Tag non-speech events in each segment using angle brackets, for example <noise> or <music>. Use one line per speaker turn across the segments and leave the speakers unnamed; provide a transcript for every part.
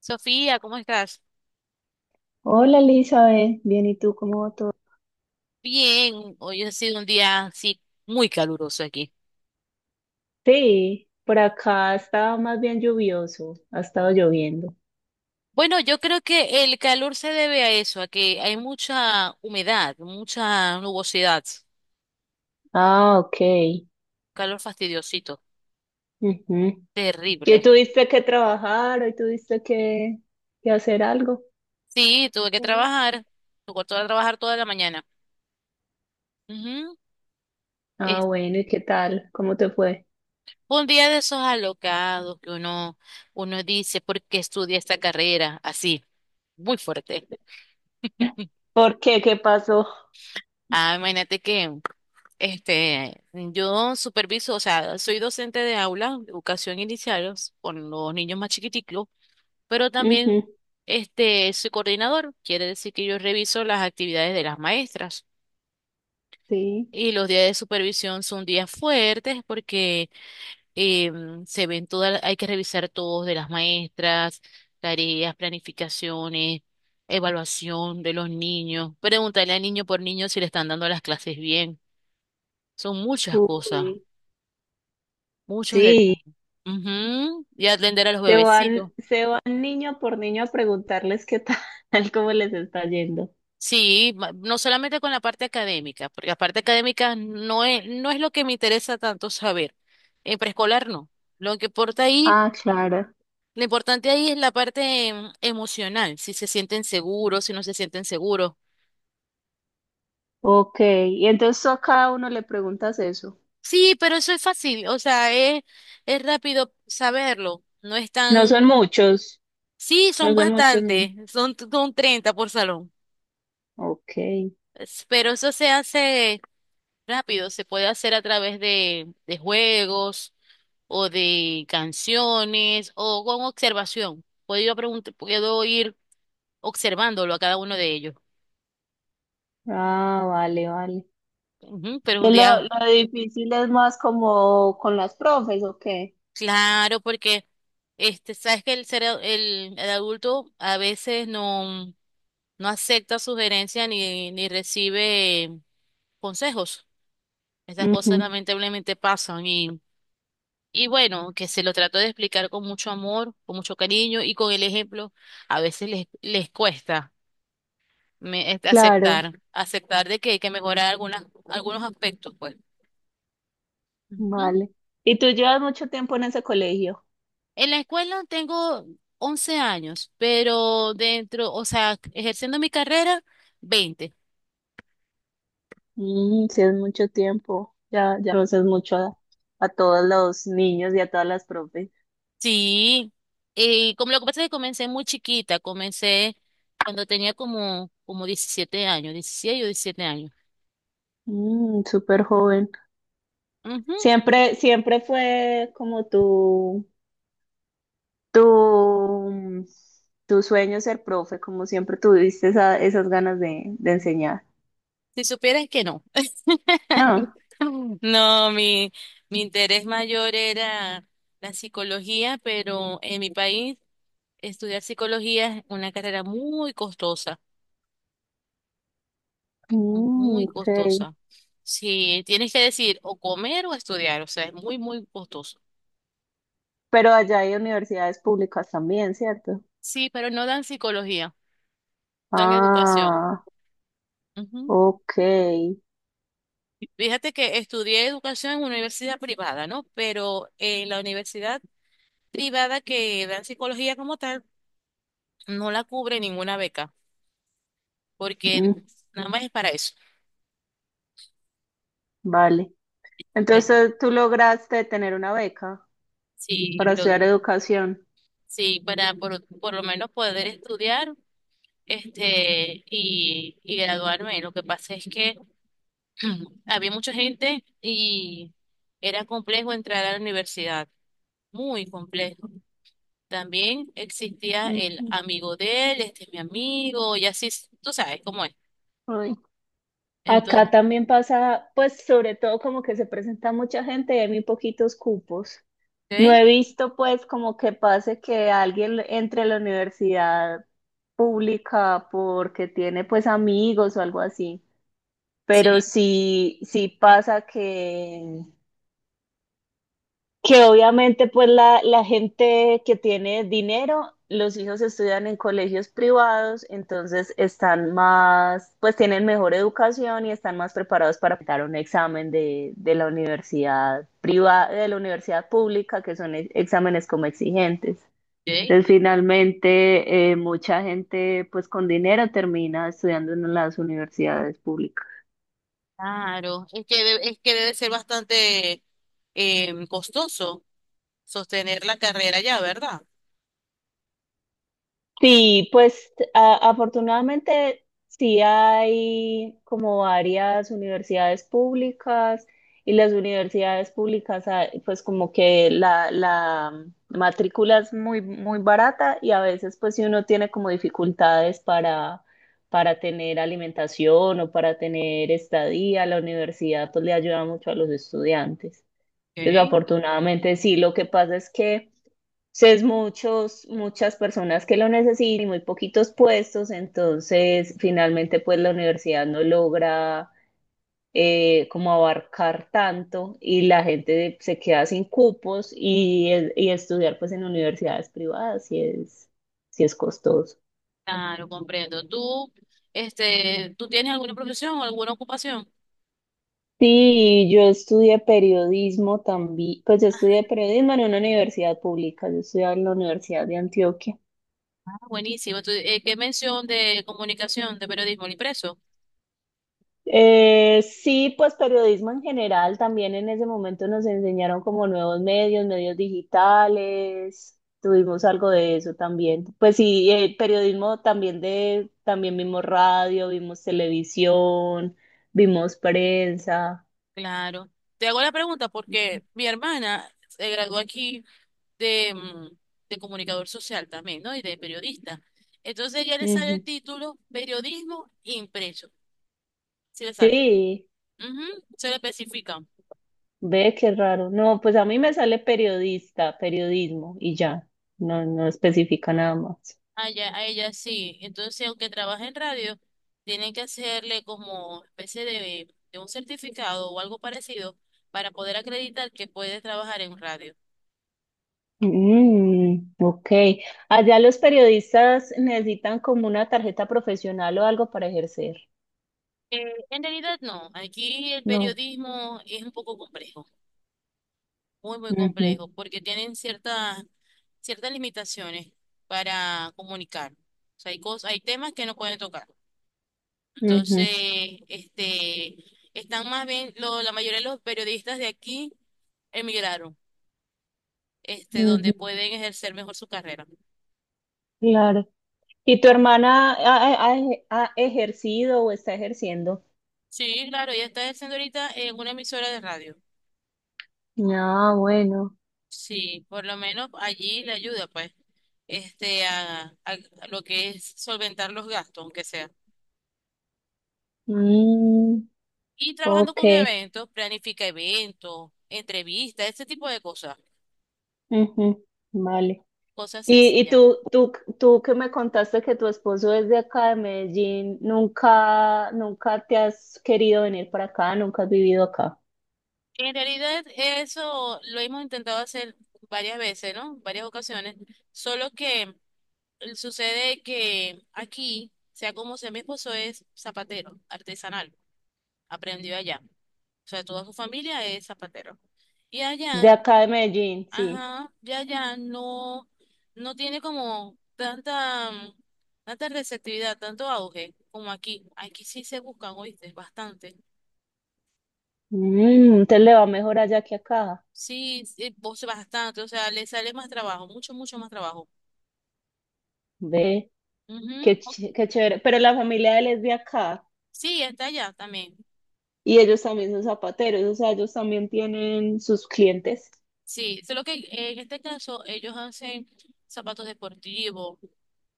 Sofía, ¿cómo estás?
Hola Elizabeth, bien, ¿y tú cómo va todo?
Bien, hoy ha sido un día sí muy caluroso aquí.
Sí, por acá estaba más bien lluvioso, ha estado lloviendo.
Bueno, yo creo que el calor se debe a eso, a que hay mucha humedad, mucha nubosidad,
Ah, ok.
calor fastidiosito,
Ujú. ¿Y
terrible.
tuviste que trabajar? ¿Hoy que hacer algo?
Sí,
Sí.
tuve que trabajar toda la mañana. Ujú.
Ah,
Es-
bueno, ¿y qué tal? ¿Cómo te fue?
Fue un día de esos alocados que uno dice, ¿por qué estudia esta carrera? Así, muy fuerte.
¿Por qué? ¿Qué pasó?
Ah, imagínate que yo superviso, o sea, soy docente de aula, educación inicial con los niños más chiquiticos, pero también
Ujú.
soy coordinador, quiere decir que yo reviso las actividades de las maestras.
Sí.
Y los días de supervisión son días fuertes porque se ven todas, hay que revisar todos de las maestras, tareas, planificaciones, evaluación de los niños, preguntarle al niño por niño si le están dando las clases bien, son muchas cosas,
Uy,
muchos
sí,
detalles. Ujú. Y atender a los bebecitos.
se van niño por niño a preguntarles qué tal, <laughs> cómo les está yendo.
Sí, no solamente con la parte académica, porque la parte académica no es lo que me interesa tanto saber. En preescolar no. Lo que importa ahí,
Ah, claro.
lo importante ahí es la parte emocional, si se sienten seguros, si no se sienten seguros.
Ok. Y entonces tú a cada uno le preguntas eso.
Sí, pero eso es fácil, o sea, es rápido saberlo. No es
No son
tan...
muchos,
Sí,
no
son
son muchos. Ni-
bastantes, son 30 por salón.
Ok.
Pero eso se hace rápido, se puede hacer a través de juegos o de canciones o con observación. Puedo ir observándolo a cada uno de ellos.
Ah, vale, vale.
Ujú, pero
Que
un día,
lo difícil es más como con las profes, ¿o qué?
claro, porque sabes que el adulto a veces no acepta sugerencias ni recibe consejos. Estas cosas, ujú,
Ujú.
lamentablemente pasan. Y bueno, que se lo trato de explicar con mucho amor, con mucho cariño y con el ejemplo. A veces les cuesta
Claro,
aceptar de que hay que mejorar algunos aspectos, pues. Ujú.
vale. ¿Y tú llevas mucho tiempo en ese colegio?
En la escuela tengo 11 años, pero dentro, o sea, ejerciendo mi carrera, 20.
Mm, sí, es mucho tiempo. Ya, ya conoces a todos los niños y a todas las profes.
Sí, y como lo que pasa es que comencé muy chiquita, comencé cuando tenía como 17 años, 16 o 17 años.
Mm, súper joven.
Ujú.
Siempre, siempre fue como tú. Tu, tu sueño es ser profe, como siempre tuviste esas ganas de enseñar.
Si supieras que no.
No.
<laughs> No, mi interés mayor era la psicología, pero en mi país estudiar psicología es una carrera muy costosa,
Mm,
muy
ok.
costosa. Sí, tienes que decir o comer o estudiar, o sea, es muy, muy costoso.
Pero allá hay universidades públicas también, ¿cierto?
Sí, pero no dan psicología, dan educación.
Ah,
Ujú.
ok.
Fíjate que estudié educación en una universidad privada, ¿no? Pero en la universidad privada que dan psicología como tal, no la cubre ninguna beca.
Mm,
Porque nada más es para eso.
vale.
Hombre,
Entonces tú lograste tener una beca
sí,
para
lo,
estudiar educación.
sí, para por lo menos poder estudiar y graduarme. Lo que pasa es que <clears throat> había mucha gente y era complejo entrar a la universidad, muy complejo. También existía el
Ujú.
amigo de él, este es mi amigo, y así, tú sabes cómo es.
Ay, acá
Entonces,
también pasa, pues sobre todo como que se presenta mucha gente y hay muy poquitos cupos. No
¿ok?
he visto pues como que pase que alguien entre a la universidad pública porque tiene pues amigos o algo así, pero
Sí,
sí, sí pasa que obviamente pues la gente que tiene dinero, los hijos estudian en colegios privados, entonces están más, pues tienen mejor educación y están más preparados para dar un examen de la universidad privada, de la universidad pública, que son exámenes como exigentes.
¿ok?
Entonces, finalmente, mucha gente pues con dinero termina estudiando en las universidades públicas.
Claro, es que, es que debe ser bastante costoso sostener la carrera ya, ¿verdad?
Sí, pues afortunadamente sí hay como varias universidades públicas y las universidades públicas ah, pues como que la matrícula es muy, muy barata y a veces pues si uno tiene como dificultades para tener alimentación o para tener estadía, la universidad pues le ayuda mucho a los estudiantes. Entonces
Ok.
afortunadamente sí, lo que pasa es que… Entonces, muchas personas que lo necesitan y muy poquitos puestos, entonces finalmente pues la universidad no logra como abarcar tanto y la gente se queda sin cupos y estudiar pues en universidades privadas si si es costoso.
Claro, comprendo. ¿Tú tienes alguna profesión o alguna ocupación?
Sí, yo estudié periodismo también, pues yo estudié periodismo en una universidad pública, yo estudié en la Universidad de Antioquia.
Ah, buenísimo. Tú, ¿qué mención de comunicación, de periodismo, el impreso?
Sí, pues periodismo en general, también en ese momento nos enseñaron como nuevos medios, medios digitales, tuvimos algo de eso también. Pues sí, periodismo también también vimos radio, vimos televisión, vimos prensa.
Claro. Te hago la pregunta porque mi hermana se graduó aquí de, mm, de comunicador social también, ¿no? Y de periodista. Entonces ya le sale el
Ujú.
título periodismo impreso. Sí le sale.
Sí,
Ujú. Se le especifica.
ve qué raro. No, pues a mí me sale periodista, periodismo y ya, no especifica nada más.
A ella sí. Entonces, si aunque trabaje en radio, tienen que hacerle como especie de un certificado o algo parecido para poder acreditar que puede trabajar en radio.
Mm, ok. Allá los periodistas necesitan como una tarjeta profesional o algo para ejercer.
Eh, en realidad no, aquí el
No.
periodismo es un poco complejo, muy, muy
Ujú,
complejo, porque tienen ciertas limitaciones para comunicar. O sea, hay cosas, hay temas que no pueden tocar.
ujú,
Entonces, este, están más bien, la mayoría de los periodistas de aquí emigraron,
ujú,
donde pueden ejercer mejor su carrera.
claro. ¿Y tu hermana ha ejercido o está ejerciendo?
Sí, claro, ella está ejerciendo ahorita en una emisora de radio.
Ah, bueno.
Sí, por lo menos allí le ayuda, pues, a lo que es solventar los gastos, aunque sea.
Mm,
Y trabajando
ok.
con eventos, planifica eventos, entrevistas, este tipo de cosas,
Ujú, vale.
cosas
¿Y, y
sencillas.
tú, tú, tú que me contaste que tu esposo es de acá de Medellín, nunca, nunca te has querido venir para acá, nunca has vivido acá?
En realidad, eso lo hemos intentado hacer varias veces, ¿no? Varias ocasiones, solo que sucede que aquí, sea como sea, mi esposo es zapatero, artesanal, aprendió allá. O sea, toda su familia es zapatero. Y
De
allá,
acá de Medellín, sí.
ajá, ya allá no tiene como tanta, mm, tanta receptividad, tanto auge como aquí. Aquí sí se buscan, oíste, bastante.
Mm, entonces le va mejor allá que acá.
Sí, sí, vos bastante, o sea, le sale más trabajo, mucho, mucho más trabajo.
Ve,
Ujú.
qué chévere. Pero la familia de él es de acá
Sí, está allá también.
y ellos también son zapateros, o sea, ellos también tienen sus clientes,
Sí, solo que en este caso ellos hacen zapatos deportivos,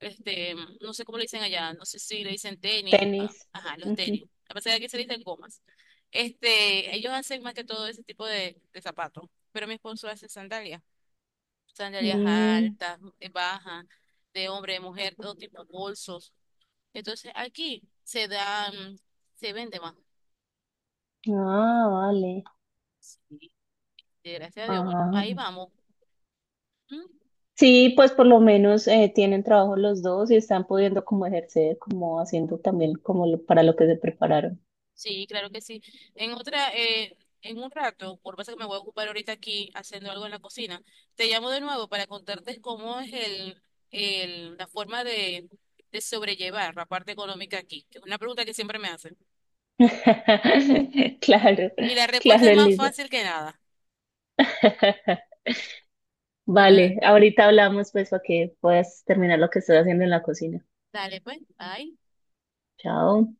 este, no sé cómo le dicen allá, no sé si le dicen tenis,
tenis.
ah, ajá, los tenis,
Ujú.
a pesar de que se le dicen gomas. Ellos hacen más que todo ese tipo de zapatos, pero mi esposo hace sandalias, sandalias
Mm,
altas, bajas, de hombre, de mujer, todo tipo de bolsos. Entonces aquí se da, mm, se vende más.
ah, vale.
Sí, y gracias a Dios, bueno,
Ah,
ahí
vale,
vamos.
sí, pues por lo menos tienen trabajo los dos y están pudiendo como ejercer, como haciendo también como para lo que se prepararon.
Sí, claro que sí. En otra, en un rato, por pasa que me voy a ocupar ahorita aquí haciendo algo en la cocina, te llamo de nuevo para contarte cómo es la forma de sobrellevar la parte económica aquí, que es una pregunta que siempre me hacen.
<laughs>
Sí.
Claro,
Y la respuesta
claro,
es más
Elisa.
fácil que nada.
<laughs>
Pero
Vale, ahorita hablamos pues para que puedas terminar lo que estoy haciendo en la cocina.
dale, pues, bye.
Chao.